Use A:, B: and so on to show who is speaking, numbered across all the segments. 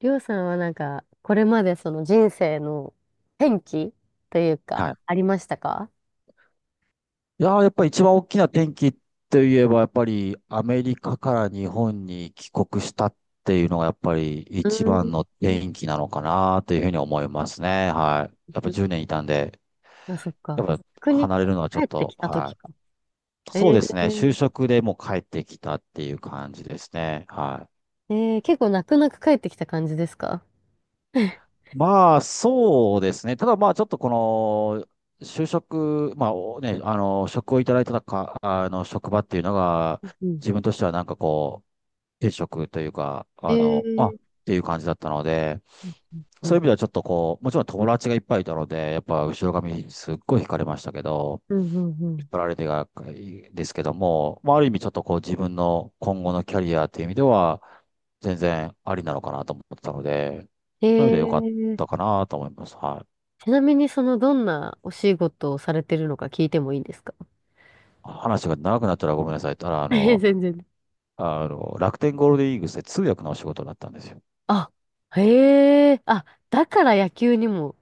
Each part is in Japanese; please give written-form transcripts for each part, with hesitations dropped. A: りょうさんはなんか、これまでその人生の転機というか、
B: はい。
A: ありましたか？
B: いやー、やっぱり一番大きな転機って言えば、やっぱりアメリカから日本に帰国したっていうのが、やっぱり
A: う
B: 一
A: ー
B: 番
A: ん。
B: の転機なのかなというふうに思いますね。はい。やっぱ10年いたんで、
A: あ、そっ
B: や
A: か。
B: っぱ
A: 国に
B: 離れるのはちょ
A: 帰
B: っ
A: って
B: と、
A: きた
B: は
A: 時か。
B: い。
A: え
B: そうですね。就
A: ー、
B: 職でもう帰ってきたっていう感じですね。はい。
A: 結構泣く泣く帰ってきた感じですか？
B: まあ、そうですね。ただまあ、ちょっとこの、就職、まあ、職をいただいてたか、職場っていうのが、
A: うん。
B: 自分としてはなんか定職というか、
A: えー、
B: ていう感じだったので、
A: うん、う
B: そういう
A: ん、
B: 意味ではちょっとこう、もちろん友達がいっぱいいたので、やっぱ後ろ髪すっごい惹かれましたけど、
A: うん、う
B: 引っ
A: ん。
B: 張られてが、ですけども、まあ、ある意味ちょっとこう自分の今後のキャリアっていう意味では、全然ありなのかなと思ってたので、
A: う
B: そういう意味では良かっ
A: んえー、
B: たかなと思います。はい。
A: ちなみにそのどんなお仕事をされてるのか聞いてもいいですか？
B: 話が長くなったらごめんなさい。ただ、
A: えー、全然。
B: 楽天ゴールデンイーグルスで通訳のお仕事だったんですよ。
A: あ、へえ、あ、だから野球にも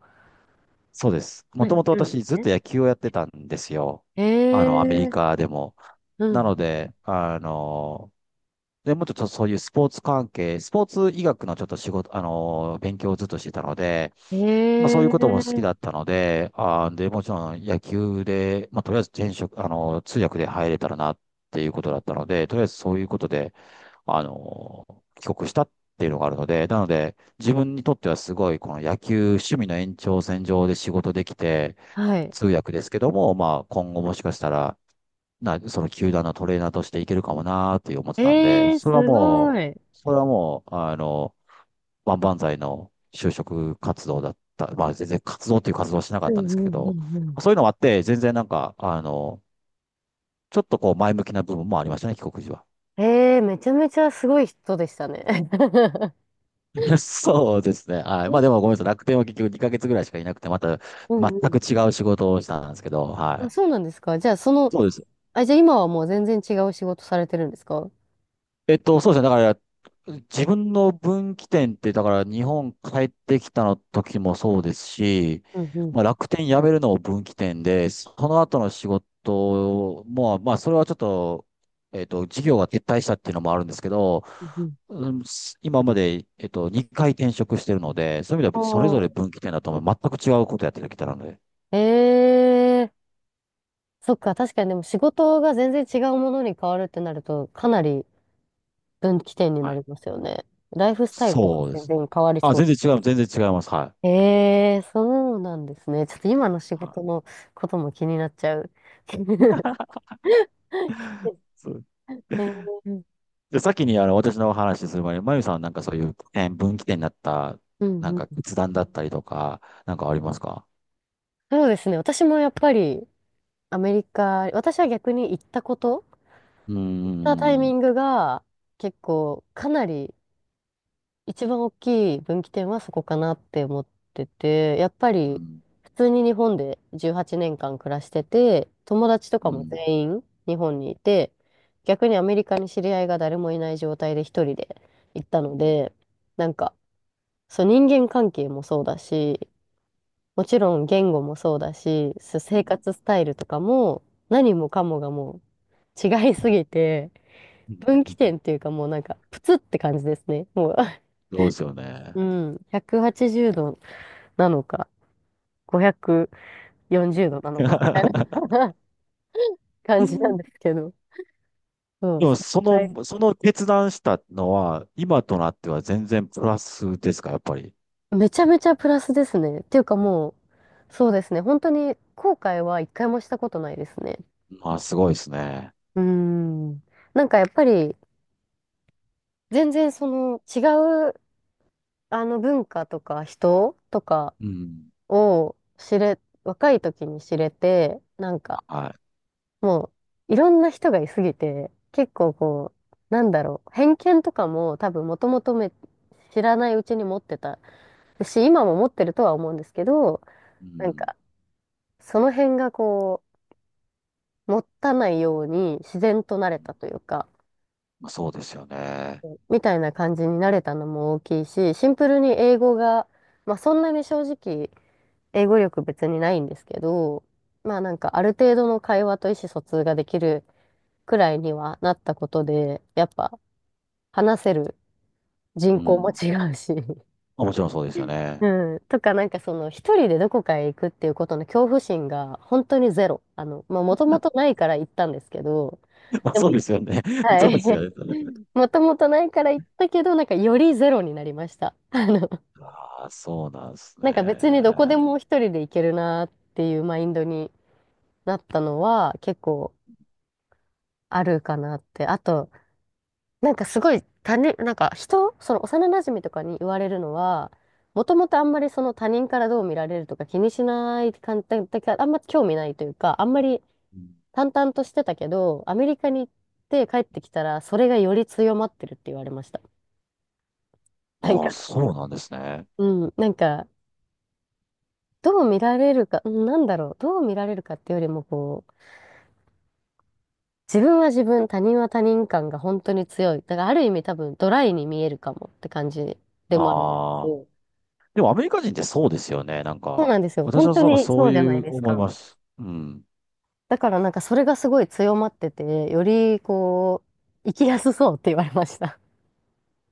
B: そうです。も
A: 繋
B: と
A: がっ
B: もと
A: てるんです
B: 私ずっ
A: ね。
B: と野球をやってたんですよ。
A: へ
B: アメリ
A: え、
B: カでも。
A: うん。
B: なので、で、もうちょっとそういうスポーツ関係、スポーツ医学のちょっと仕事、勉強をずっとしてたので、
A: え
B: まあそ
A: え
B: ういうことも好き
A: ー、
B: だったので、あーで、もちろん野球で、まあとりあえず転職、通訳で入れたらなっていうことだったので、とりあえずそういうことで、帰国したっていうのがあるので、なので、自分にとってはすごい、この野球、趣味の延長線上で仕事できて、
A: はい。
B: 通訳ですけども、まあ、今後もしかしたら、その球団のトレーナーとしていけるかもなーって思ってたんで、
A: ええ、
B: それは
A: すご
B: も
A: い。
B: う、それはもう、万々歳の就職活動だった。まあ、全然活動っていう活動はしなか
A: う
B: っ
A: ん
B: たんですけ
A: うんう
B: ど、
A: んうん。
B: そういうのもあって、全然なんか、ちょっとこう前向きな部分もありましたね、帰国時は。
A: ええ、めちゃめちゃすごい人でしたね。
B: そうですね。はい。まあでもごめんなさい。楽天は結局2ヶ月ぐらいしかいなくて、また
A: うんう
B: 全く
A: ん。
B: 違う仕事をしたんですけど、は
A: あ、
B: い。
A: そうなんですか。じゃあ、その、
B: そうです。
A: あ、じゃあ今はもう全然違う仕事されてるんですか？
B: そうですね。だから、自分の分岐点って、だから日本帰ってきたの時もそうですし、
A: うんうん。
B: まあ、楽天辞めるのも分岐点で、その後の仕事も、まあ、それはちょっと、事業が撤退したっていうのもあるんですけど、
A: うんうん。
B: うん。今まで、2回転職してるので、そういう意味ではそれぞれ
A: あ、
B: 分岐点だと思う。全く違うことやってきたので。
A: ええ、そっか、確かにでも仕事が全然違うものに変わるってなると、かなり分岐点に
B: は
A: なり
B: い。
A: ますよね。ライフスタイルとか
B: そ
A: も
B: うで
A: 全
B: す。
A: 然変わりそう。
B: 全然違います。は
A: ええ、そうなんですね。ちょっと今の仕
B: い。は
A: 事
B: い。
A: のことも気になっちゃう。え
B: そう。
A: え、
B: で、先に私の話する前に、まゆさんはなんかそういう点、分岐点になった、
A: うん
B: なん
A: う
B: か
A: ん、
B: 決断だったりとか、なんかありますか？
A: そうですね。私もやっぱりアメリカ、私は逆に行ったこと、
B: うー
A: 行ったタイミ
B: ん。
A: ングが結構かなり一番大きい分岐点はそこかなって思ってて、やっぱ
B: う
A: り
B: ん、
A: 普通に日本で18年間暮らしてて、友達とか
B: う
A: も
B: ん、
A: 全員日本にいて、逆にアメリカに知り合いが誰もいない状態で一人で行ったので、なんか、そう人間関係もそうだし、もちろん言語もそうだし、そう生活
B: う
A: スタイルとかも何もかもがもう違いすぎて、分岐
B: ん。
A: 点っていうかもうなんかプツって感じですね。もう
B: そうですよね。
A: うん、180度なのか、540度なのか、みたいな 感じなんですけど。そう、
B: でも、
A: それぐらい
B: その決断したのは、今となっては全然プラスですか、やっぱり。
A: めちゃめちゃプラスですね。っていうかもう、そうですね。本当に後悔は一回もしたことないですね。
B: まあ、すごいですね。
A: うーん。なんかやっぱり、全然その違う、あの文化とか人とか
B: うん。
A: を知れ、若い時に知れて、なんか、
B: は
A: もういろんな人がいすぎて、結構こう、なんだろう、偏見とかも多分もともとめ知らないうちに持ってたし、今も持ってるとは思うんですけど、
B: い。う
A: なんか、
B: ん。
A: その辺がこう、持たないように自然となれたというか、
B: まあ、そうですよね。
A: みたいな感じになれたのも大きいし、シンプルに英語が、まあそんなに正直、英語力別にないんですけど、まあなんかある程度の会話と意思疎通ができるくらいにはなったことで、やっぱ、話せる人
B: う
A: 口も
B: ん。
A: 違うし、
B: まあもちろんそうですよね。
A: うん、とかなんかその一人でどこかへ行くっていうことの恐怖心が本当にゼロ。あの、まあもともとないから行ったんですけど、
B: まあ、
A: で
B: そうで
A: も、
B: すよね。
A: は
B: そうで
A: い。
B: すよね。
A: もともとないから行ったけど、なんかよりゼロになりました。あの、
B: あ、そうなんです
A: なんか別にどこで
B: ね。
A: も一人で行けるなっていうマインドになったのは結構あるかなって。あと、なんかすごい他人、なんか人、その幼馴染とかに言われるのは、もともとあんまりその他人からどう見られるとか気にしない感じだけどあんま興味ないというか、あんまり
B: うん。
A: 淡々としてたけど、アメリカに行って帰ってきたら、それがより強まってるって言われました。なん
B: あ
A: か、
B: あ、そうなんですね。
A: うん、なんか、どう見られるか、うん、なんだろう、どう見られるかっていうよりも、こう、自分は自分、他人は他人感が本当に強い。だからある意味多分ドライに見えるかもって感じでもあるんです
B: あ
A: け
B: あ。
A: ど、
B: でもアメリカ人ってそうですよね。なん
A: そう
B: か、
A: なんですよ。
B: 私
A: 本
B: は
A: 当
B: なんか
A: に
B: そ
A: そ
B: う
A: うじゃな
B: い
A: い
B: う
A: です
B: 思い
A: か。
B: ます。うん。
A: だからなんかそれがすごい強まってて、よりこう、生きやすそうって言われました。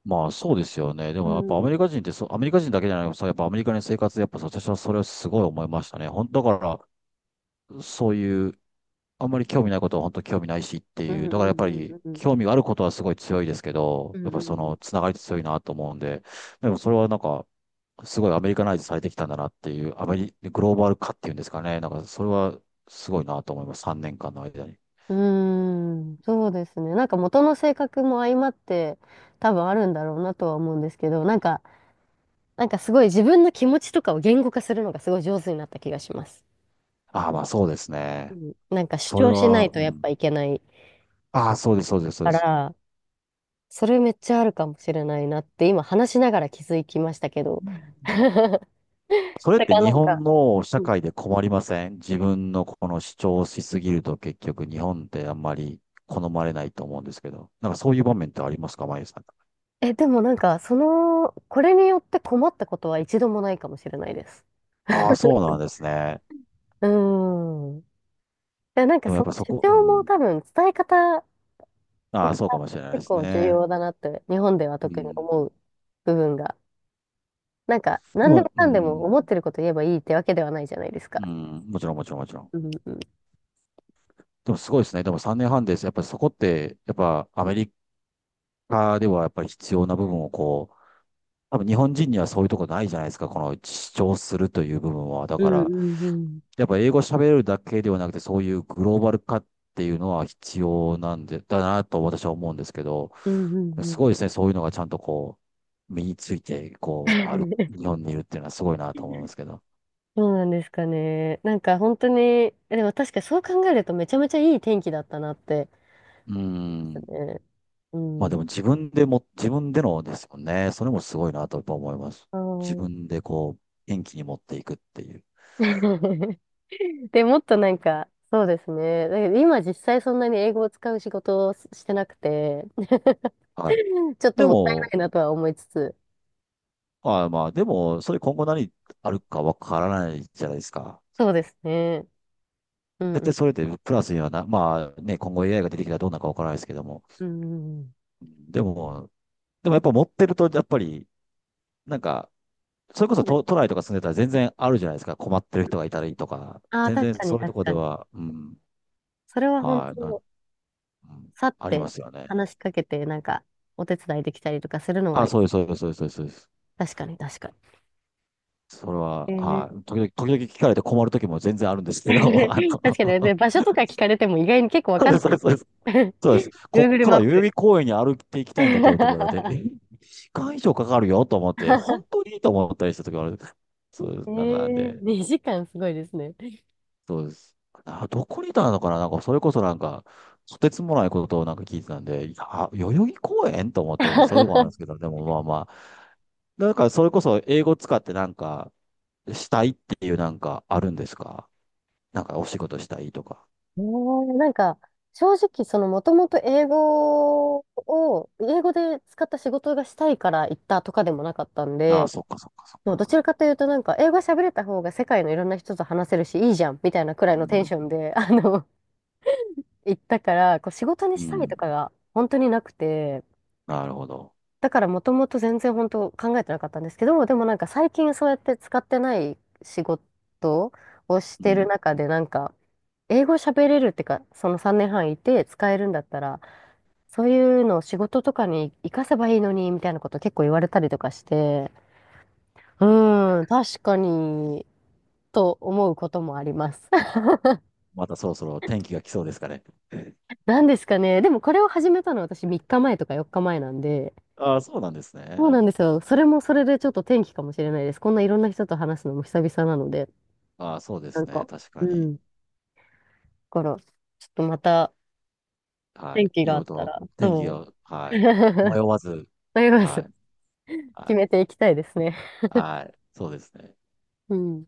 B: まあそうですよね。で
A: う
B: もやっぱア
A: ん。
B: メリカ人ってそう、アメリカ人だけじゃなくて、そうやっぱアメリカの生活、やっぱ私はそれをすごい思いましたね。本当だから、そういう、あんまり興味ないことは本当興味ないしって
A: う
B: い
A: ん
B: う。
A: う
B: だからやっぱ
A: んう
B: り、
A: んうん
B: 興味があることはすごい強いですけ
A: う
B: ど、
A: んう
B: やっぱり
A: ん
B: そ
A: うん
B: の、つながりって強いなと思うんで、でもそれはなんか、すごいアメリカナイズされてきたんだなっていう、アメリ、グローバル化っていうんですかね。なんか、それはすごいなと思います。3年間の間に。
A: うん。うーん、そうですね。なんか元の性格も相まって多分あるんだろうなとは思うんですけど、なんか、なんかすごい自分の気持ちとかを言語化するのがすごい上手になった気がします。
B: ああ、まあそうです
A: う
B: ね。
A: ん、なんか主
B: それ
A: 張しない
B: は、
A: と
B: う
A: やっぱ
B: ん。
A: いけない
B: ああ、そうです、そうです、そう
A: か
B: です。
A: ら、それめっちゃあるかもしれないなって、今話しながら気づきましたけど。
B: うん。 それっ
A: だか
B: て
A: ら
B: 日
A: なん
B: 本
A: か、
B: の社
A: うん
B: 会で困りません？自分のこの主張しすぎると結局日本ってあんまり好まれないと思うんですけど。なんかそういう場面ってありますか、マユさん？
A: え、でもなんか、その、これによって困ったことは一度もないかもしれないです。
B: ああ、そうなんですね。
A: うーん。で、なんか
B: でもや
A: そ
B: っ
A: の
B: ぱそ
A: 主
B: こ、う
A: 張も
B: ん。
A: 多分伝え方が
B: ああ、そうかもしれないで
A: 結
B: す
A: 構重
B: ね。
A: 要だなって、日本では
B: う
A: 特に
B: ん。
A: 思う部分が。なんか、
B: で
A: 何で
B: も、
A: も
B: う
A: かんでも思
B: ん。
A: ってること言えばいいってわけではないじゃないです
B: う
A: か。
B: ん、もちろん、もちろん、もちろん。
A: うんうん。
B: でもすごいですね。でも3年半です。やっぱりそこって、やっぱアメリカではやっぱり必要な部分をこう、多分日本人にはそういうとこないじゃないですか。この主張するという部分は。だ
A: う
B: か
A: ん
B: ら、
A: うんうん。
B: やっぱ英語喋れるだけではなくて、そういうグローバル化っていうのは必要なんで、だなと私は思うんですけど、
A: うんうんう
B: すご
A: ん。
B: いですね。そういうのがちゃんとこう、身について、こう、ある、日本にいるっていうのはすごいなと思いますけど。
A: そうなんですかね。なんか本当に、でも確かにそう考えるとめちゃめちゃいい天気だったなって
B: う
A: 思います
B: ん。
A: ね。う
B: まあで
A: ん。
B: も自分でも、自分でのですもんね。それもすごいなとやっぱ思います。
A: あ
B: 自
A: ー。
B: 分でこう、元気に持っていくっていう。
A: で、もっとなんか、そうですね。だけど今実際そんなに英語を使う仕事をしてなくて、
B: はい。
A: ちょっと
B: で
A: もった
B: も、
A: いないなとは思いつつ。
B: まあまあでも、それ今後何あるかわからないじゃないですか。
A: そうですね。うん
B: 絶
A: う
B: 対
A: ん。
B: それでプラスにはな、まあね、今後 AI が出てきたらどうなるかわからないですけども。
A: うんうんうん。
B: でも、でもやっぱ持ってると、やっぱり、なんか、それこ
A: そ
B: そ
A: うで
B: 都
A: す。
B: 内とか住んでたら全然あるじゃないですか。困ってる人がいたりとか。
A: ああ、
B: 全
A: 確
B: 然
A: かに
B: そういうと
A: 確
B: こ
A: か
B: で
A: に。
B: は、うん、
A: それは本
B: はい、
A: 当、
B: うん、
A: 去っ
B: ありま
A: て
B: すよね。
A: 話しかけて、なんか、お手伝いできたりとかするのは、
B: あ、そうです、そうです、そうです、そうです。そうです。
A: 確かに確かに。
B: それ
A: え
B: は、は
A: ー
B: い。時々聞かれて困る時も全然あるんですけど、あの、
A: 確かに、で場 所とか聞かれても意外に結構わ
B: そう
A: かん
B: です、
A: な
B: そう
A: い。
B: です、そうです。そうです。こっ
A: Google
B: から
A: マッ
B: 代々
A: プ。
B: 木公園に歩いていきたいんだけどと言われて、え、時間以上かかるよと思って、本当にいいと思ったりした時がある。そうで
A: え
B: す。なんか
A: え、
B: で、
A: 2時間すごいですね。
B: そうです。あ、どこにいたのかな？なんか、それこそなんか、とてつもないことをなんか聞いてたんで、いやあ、代々木公園と思ったり、そういうことなんで すけど、でもまあまあ、なんか、それこそ英語使ってなんか、したいっていうなんかあるんですか？なんかお仕事したいとか。
A: なんか、正直、その、もともと英語を、英語で使った仕事がしたいから行ったとかでもなかったん
B: ああ、
A: で、
B: そっかそっかそっ
A: そうど
B: か。
A: ちらかというと、なんか、英語喋れた方が世界のいろんな人と話せるし、いいじゃん、みたいなくら
B: う
A: いのテン
B: ん。
A: ションで、あの、行ったから、こう、仕事に
B: う
A: したいと
B: ん。
A: かが本当になくて、
B: なるほど。
A: だからもともと全然本当考えてなかったんですけど、でもなんか最近そうやって使ってない仕事をし
B: う
A: てる
B: ん。
A: 中でなんか、英語喋れるってか、その3年半いて使えるんだったら、そういうのを仕事とかに活かせばいいのに、みたいなこと結構言われたりとかして、うーん、確かに、と思うこともあります。
B: またそろそろ天気が来そうですかね。
A: なんですかね。でもこれを始めたのは私3日前とか4日前なんで、
B: ああ、そうなんですね。
A: そうなんですよ。それもそれでちょっと転機かもしれないです。こんないろんな人と話すのも久々なので。
B: ああ、そうで
A: なん
B: すね。
A: か、
B: 確
A: う
B: かに。
A: ん。だから、ちょっとまた、
B: は
A: 天気
B: い。い
A: があ
B: ろい
A: っ
B: ろ
A: た
B: と
A: ら、
B: 天気
A: そう。
B: が、はい。迷 わず、
A: 迷わ
B: は
A: ず、
B: い。は
A: 決
B: い。
A: めていきたいですね。
B: はい。そうですね。
A: うん。